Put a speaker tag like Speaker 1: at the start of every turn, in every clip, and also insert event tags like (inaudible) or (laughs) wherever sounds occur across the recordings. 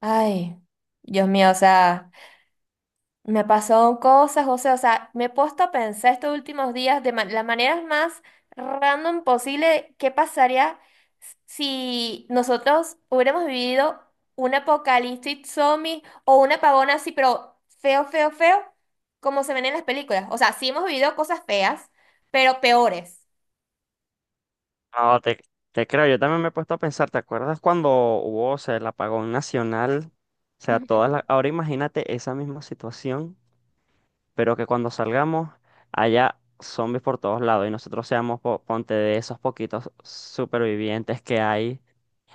Speaker 1: Ay, Dios mío, o sea, me pasó cosas, José, o sea, me he puesto a pensar estos últimos días de las maneras más random posible, de qué pasaría si nosotros hubiéramos vivido un apocalipsis zombie o un apagón así, pero feo, feo, feo, como se ven en las películas. O sea, sí hemos vivido cosas feas, pero peores.
Speaker 2: No, te creo, yo también me he puesto a pensar, ¿te acuerdas cuando hubo, o sea, el apagón nacional? O sea, todas las... Ahora imagínate esa misma situación, pero que cuando salgamos haya zombies por todos lados y nosotros seamos, ponte, de esos poquitos supervivientes que hay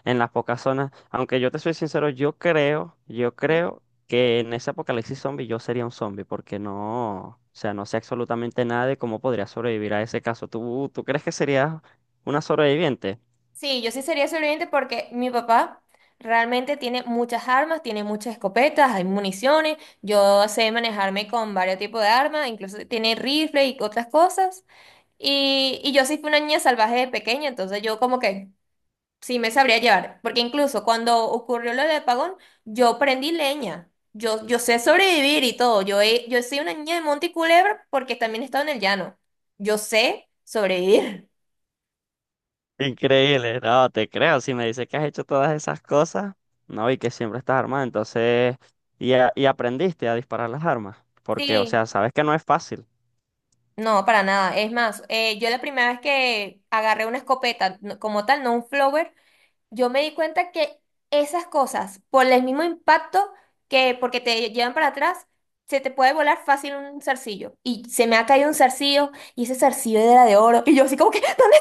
Speaker 2: en las pocas zonas. Aunque yo te soy sincero, yo
Speaker 1: Ujú.
Speaker 2: creo que en ese apocalipsis zombie yo sería un zombie, porque no, o sea, no sé absolutamente nada de cómo podría sobrevivir a ese caso. ¿Tú crees que serías una sobreviviente?
Speaker 1: Sí, yo sí sería sobreviviente porque mi papá realmente tiene muchas armas, tiene muchas escopetas, hay municiones. Yo sé manejarme con varios tipos de armas, incluso tiene rifle y otras cosas. Y yo sí fui una niña salvaje de pequeña, entonces yo como que sí me sabría llevar. Porque incluso cuando ocurrió lo del apagón, yo prendí leña. Yo sé sobrevivir y todo. Yo, yo soy una niña de monte y culebra porque también he estado en el llano. Yo sé sobrevivir.
Speaker 2: Increíble, no, te creo. Si me dices que has hecho todas esas cosas, no, y que siempre estás armado, entonces, y, y aprendiste a disparar las armas, porque, o
Speaker 1: Sí.
Speaker 2: sea, sabes que no es fácil.
Speaker 1: No, para nada. Es más, yo la primera vez que agarré una escopeta como tal, no un flower, yo me di cuenta que esas cosas, por el mismo impacto que porque te llevan para atrás, se te puede volar fácil un zarcillo. Y se me ha caído un zarcillo y ese zarcillo era de oro. (laughs) Y yo así como que, (laughs) ¿dónde?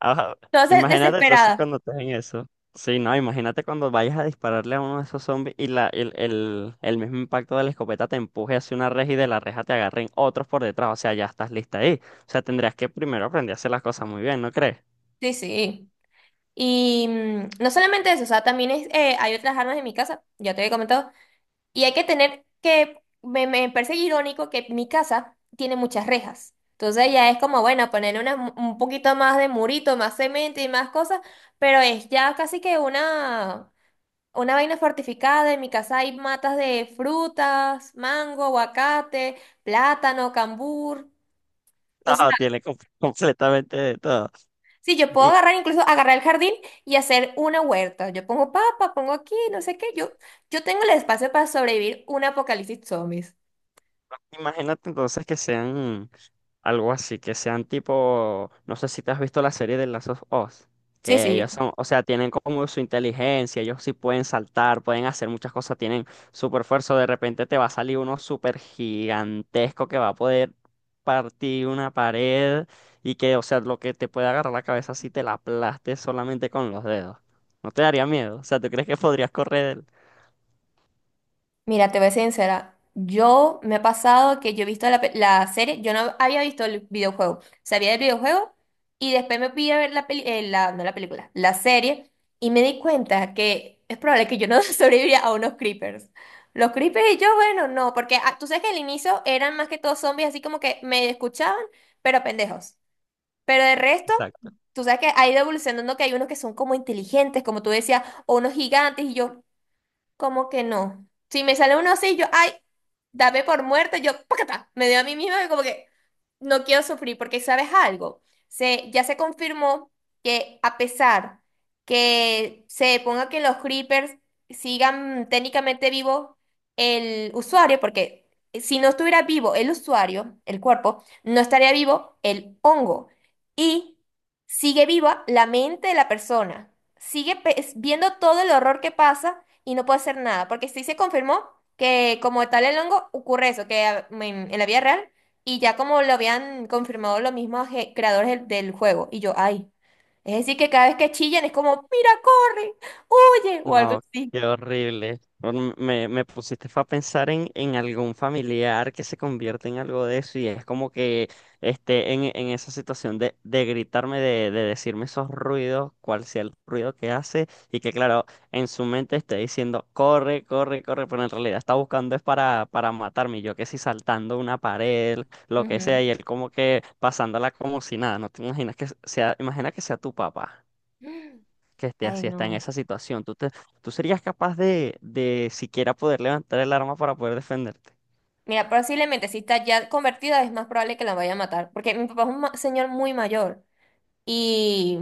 Speaker 2: Ajá.
Speaker 1: Entonces,
Speaker 2: Imagínate entonces
Speaker 1: desesperada.
Speaker 2: cuando estés en eso. Sí, no, imagínate cuando vayas a dispararle a uno de esos zombies y el mismo impacto de la escopeta te empuje hacia una reja y de la reja te agarren otros por detrás, o sea, ya estás lista ahí. O sea, tendrías que primero aprender a hacer las cosas muy bien, ¿no crees?
Speaker 1: Sí, sí. Y no solamente eso, o sea, también es, hay otras armas en mi casa, ya te había comentado. Y hay que tener que, me parece irónico que mi casa tiene muchas rejas. Entonces ya es como, bueno, ponerle un poquito más de murito, más cemento y más cosas, pero es ya casi que una vaina fortificada. En mi casa hay matas de frutas, mango, aguacate, plátano, cambur. O sea,
Speaker 2: No, tiene (laughs) completamente de todo.
Speaker 1: sí, yo puedo agarrar, incluso agarrar el jardín y hacer una huerta. Yo pongo papa, pongo aquí, no sé qué. Yo tengo el espacio para sobrevivir un apocalipsis zombies.
Speaker 2: Imagínate entonces que sean algo así, que sean tipo, no sé si te has visto la serie de Last of Us,
Speaker 1: Sí,
Speaker 2: que ellos
Speaker 1: sí.
Speaker 2: son, o sea, tienen como su inteligencia, ellos sí pueden saltar, pueden hacer muchas cosas, tienen super fuerza, de repente te va a salir uno súper gigantesco que va a poder partir una pared y que, o sea, lo que te puede agarrar la cabeza si te la aplastes solamente con los dedos. ¿No te daría miedo? O sea, ¿tú crees que podrías correr?
Speaker 1: Mira, te voy a ser sincera. Yo me ha pasado que yo he visto la, la serie, yo no había visto el videojuego, sabía del videojuego y después me fui a ver la peli, la, no la película, la serie, y me di cuenta que es probable que yo no (laughs) sobreviviría a unos creepers. Los creepers y yo, bueno, no, porque ah, tú sabes que al inicio eran más que todos zombies, así como que me escuchaban, pero pendejos. Pero de resto,
Speaker 2: Exacto.
Speaker 1: tú sabes que ha ido evolucionando que hay unos que son como inteligentes, como tú decías, o unos gigantes y yo. ¿Como que no? Si me sale uno así, yo, ay, dame por muerta, yo, ¡pacata! Me dio a mí misma y como que no quiero sufrir, porque ¿sabes algo? Ya se confirmó que a pesar que se ponga que los creepers sigan técnicamente vivo el usuario, porque si no estuviera vivo el usuario, el cuerpo, no estaría vivo el hongo. Y sigue viva la mente de la persona. Sigue viendo todo el horror que pasa y no puedo hacer nada, porque sí se confirmó que como tal el hongo ocurre eso, que en la vida real, y ya como lo habían confirmado los mismos creadores del juego, y yo, ay, es decir, que cada vez que chillan es como, mira, corre, huye, o algo
Speaker 2: No,
Speaker 1: así.
Speaker 2: qué horrible. Bueno, me pusiste fue a pensar en algún familiar que se convierte en algo de eso y es como que esté en esa situación de gritarme, de decirme esos ruidos, cuál sea el ruido que hace y que claro, en su mente esté diciendo, corre, corre, corre, pero en realidad está buscando es para matarme, y yo que si saltando una pared, lo que
Speaker 1: Ujú.
Speaker 2: sea, y él como que pasándola como si nada, no te imaginas que sea, imagina que sea tu papá que esté
Speaker 1: Ay,
Speaker 2: así, está en
Speaker 1: no.
Speaker 2: esa situación. ¿Tú serías capaz de siquiera poder levantar el arma para poder defenderte?
Speaker 1: Mira, posiblemente si está ya convertida es más probable que la vaya a matar, porque mi papá es un señor muy mayor, y…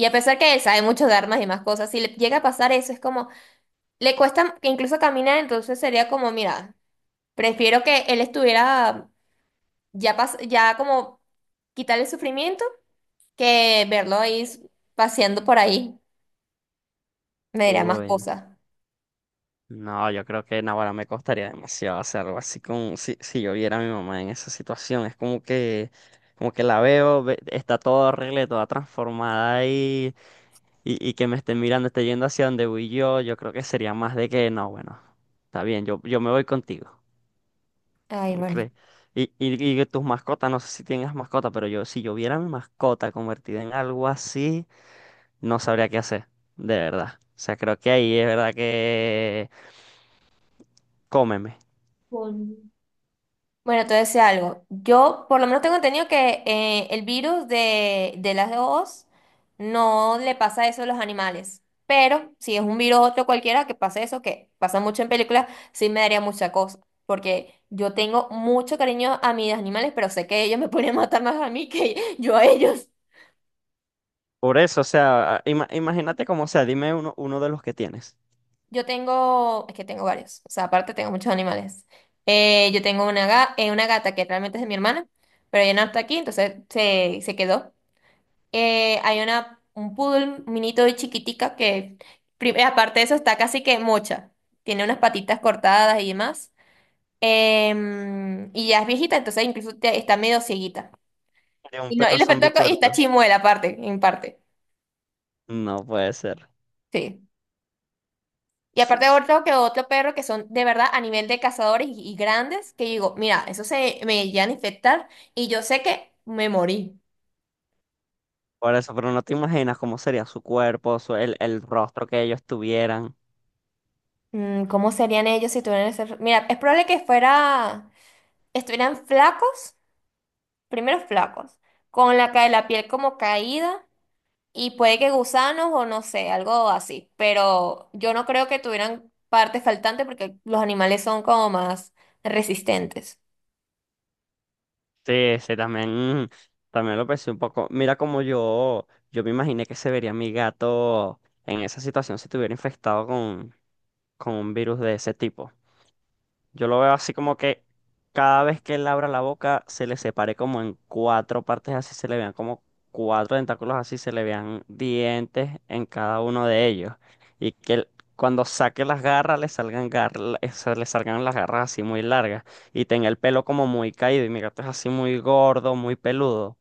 Speaker 1: Y a pesar que él sabe mucho de armas y más cosas, si le llega a pasar eso, es como, le cuesta que incluso caminar, entonces sería como, mira, prefiero que él estuviera ya, ya como quitarle el sufrimiento que verlo ahí paseando por ahí. Me dirá más
Speaker 2: Uy,
Speaker 1: cosas.
Speaker 2: no, yo creo que ahora me costaría demasiado hacer algo así con si yo viera a mi mamá en esa situación. Es como que la veo, está toda horrible, toda transformada ahí, y que me esté mirando, esté yendo hacia donde voy yo. Yo creo que sería más de que no, bueno, está bien, yo me voy contigo.
Speaker 1: Ay, bueno.
Speaker 2: Okay. Y que tus mascotas, no sé si tienes mascota, pero yo, si yo viera mi mascota convertida en algo así, no sabría qué hacer, de verdad. O sea, creo que ahí es verdad que cómeme.
Speaker 1: Bueno, te decía algo. Yo por lo menos tengo entendido que el virus de las dos no le pasa eso a los animales. Pero si es un virus otro cualquiera que pase eso, que pasa mucho en películas, sí me daría mucha cosa. Porque yo tengo mucho cariño a mis animales, pero sé que ellos me (laughs) pueden matar más a mí que yo a ellos.
Speaker 2: Por eso, o sea, imagínate cómo sea, dime uno de los que tienes.
Speaker 1: Yo tengo, es que tengo varios. O sea, aparte tengo muchos animales. Yo tengo una, una gata que realmente es de mi hermana, pero ella no está aquí, entonces se quedó. Hay una, un poodle minito y chiquitica que, aparte de eso, está casi que mocha. Tiene unas patitas cortadas y demás. Y ya es viejita, entonces incluso está medio cieguita.
Speaker 2: De un
Speaker 1: Y, no, y,
Speaker 2: perro zombie
Speaker 1: y está
Speaker 2: tuerto.
Speaker 1: chimuela aparte, en parte.
Speaker 2: No puede ser.
Speaker 1: Sí. Y aparte otro que otro perro que son de verdad a nivel de cazadores y grandes, que digo, mira, eso se me llegan a infectar y yo sé que me morí.
Speaker 2: Por eso, pero no te imaginas cómo sería su cuerpo, su- el rostro que ellos tuvieran.
Speaker 1: Mm, ¿cómo serían ellos si tuvieran ese… Mira, es probable que fuera… estuvieran flacos. Primero flacos, con la, la piel como caída y puede que gusanos o no sé, algo así. Pero yo no creo que tuvieran partes faltantes porque los animales son como más resistentes.
Speaker 2: Sí, sí, también, también lo pensé un poco. Mira como yo me imaginé que se vería mi gato en esa situación si estuviera infectado con un virus de ese tipo. Yo lo veo así como que cada vez que él abra la boca se le separe como en cuatro partes, así se le vean como cuatro tentáculos, así se le vean dientes en cada uno de ellos. Y que él, cuando saque las garras le salgan las garras así muy largas y tenga el pelo como muy caído. Y mi gato es así muy gordo, muy peludo.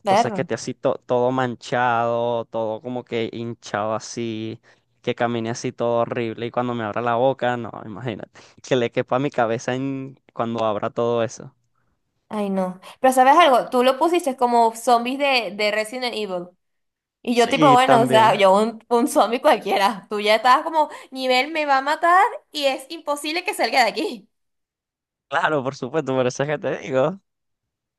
Speaker 2: Entonces que
Speaker 1: Perro.
Speaker 2: esté así todo manchado, todo como que hinchado así, que camine así todo horrible y cuando me abra la boca, no, imagínate, (laughs) que le quepa a mi cabeza en cuando abra todo eso.
Speaker 1: Ay, no. Pero ¿sabes algo? Tú lo pusiste como zombies de Resident Evil. Y yo tipo,
Speaker 2: Sí,
Speaker 1: bueno, o sea,
Speaker 2: también.
Speaker 1: yo un zombie cualquiera. Tú ya estabas como, nivel me va a matar y es imposible que salga de aquí.
Speaker 2: Claro, por supuesto, por eso es que te digo,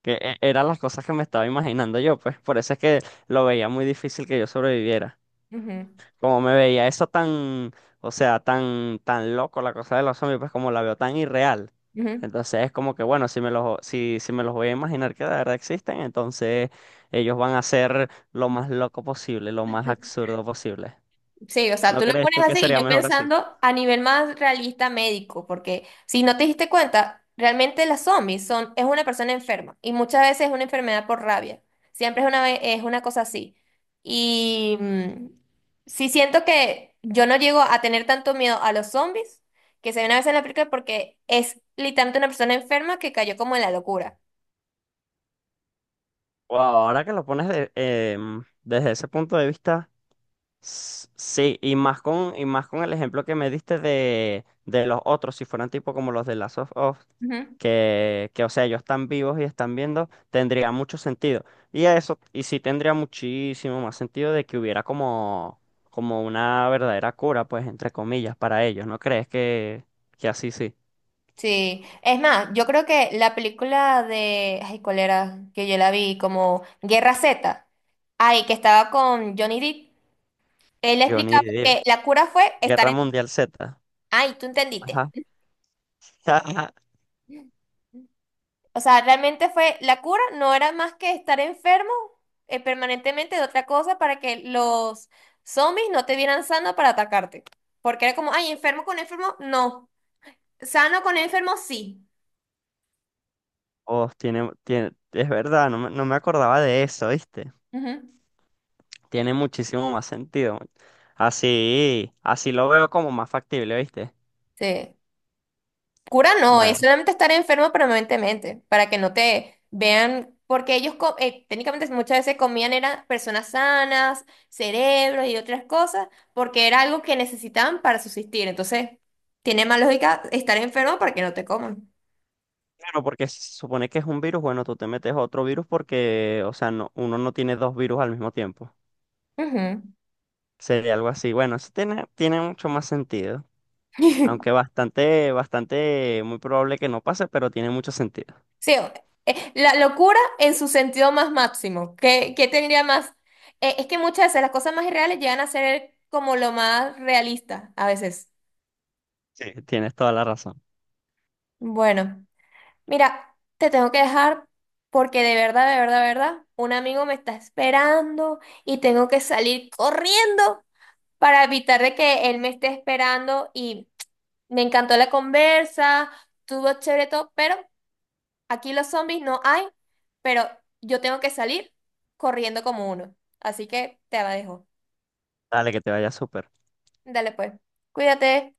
Speaker 2: que eran las cosas que me estaba imaginando yo, pues por eso es que lo veía muy difícil que yo sobreviviera.
Speaker 1: Ujú,
Speaker 2: Como me veía eso tan, o sea, tan loco la cosa de los zombies, pues como la veo tan irreal.
Speaker 1: ujú.
Speaker 2: Entonces es como que, bueno, si me los voy a imaginar que de verdad existen, entonces ellos van a ser lo más loco posible, lo más absurdo posible.
Speaker 1: Sí, o sea,
Speaker 2: ¿No
Speaker 1: tú lo
Speaker 2: crees
Speaker 1: pones
Speaker 2: tú que
Speaker 1: así y
Speaker 2: sería
Speaker 1: yo
Speaker 2: mejor así?
Speaker 1: pensando a nivel más realista médico, porque si no te diste cuenta, realmente las zombies son, es una persona enferma y muchas veces es una enfermedad por rabia. Siempre es una, es una cosa así. Y sí siento que yo no llego a tener tanto miedo a los zombies que se ven a veces en la película porque es literalmente una persona enferma que cayó como en la locura.
Speaker 2: O ahora que lo pones desde ese punto de vista. Sí, y más con el ejemplo que me diste de los otros, si fueran tipo como los de Last of Us,
Speaker 1: Ujú.
Speaker 2: que, o sea, ellos están vivos y están viendo, tendría mucho sentido. Y eso, y sí tendría muchísimo más sentido de que hubiera como, como una verdadera cura, pues, entre comillas, para ellos. ¿No crees que así sí?
Speaker 1: Sí, es más, yo creo que la película de, ay, ¿cuál era? Que yo la vi como Guerra Z, ay, que estaba con Johnny Depp, él
Speaker 2: Johnny
Speaker 1: explicaba
Speaker 2: Depp,
Speaker 1: que la cura fue estar
Speaker 2: Guerra
Speaker 1: en…
Speaker 2: Mundial Z.
Speaker 1: Ay, tú entendiste.
Speaker 2: Ajá. (laughs)
Speaker 1: O sea, realmente fue, la cura no era más que estar enfermo permanentemente de otra cosa para que los zombies no te vieran sano para atacarte. Porque era como, ay, enfermo con enfermo, no. Sano con enfermo, sí.
Speaker 2: Oh, tiene, es verdad, no me acordaba de eso, ¿viste?
Speaker 1: Ujú.
Speaker 2: Tiene muchísimo más sentido. Man. Así, así lo veo como más factible, ¿viste?
Speaker 1: Sí. Cura no,
Speaker 2: Bueno,
Speaker 1: es solamente estar enfermo permanentemente, para que no te vean, porque ellos técnicamente muchas veces comían eran personas sanas, cerebros y otras cosas, porque era algo que necesitaban para subsistir. Entonces, tiene más lógica estar enfermo para que no te coman.
Speaker 2: claro, porque si se supone que es un virus, bueno, tú te metes otro virus porque, o sea, no, uno no tiene dos virus al mismo tiempo.
Speaker 1: Ujú.
Speaker 2: Sería algo así. Bueno, eso tiene, tiene mucho más sentido. Aunque
Speaker 1: (laughs)
Speaker 2: bastante, bastante, muy probable que no pase, pero tiene mucho sentido.
Speaker 1: Sí, la locura en su sentido más máximo. ¿Qué, qué tendría más? Es que muchas veces las cosas más irreales llegan a ser como lo más realista, a veces.
Speaker 2: Sí. Tienes toda la razón.
Speaker 1: Bueno. Mira, te tengo que dejar porque de verdad, de verdad, de verdad, un amigo me está esperando y tengo que salir corriendo para evitar de que él me esté esperando y me encantó la conversa, estuvo chévere todo, pero aquí los zombies no hay, pero yo tengo que salir corriendo como uno. Así que te la dejo.
Speaker 2: Dale, que te vaya súper.
Speaker 1: Dale pues, cuídate.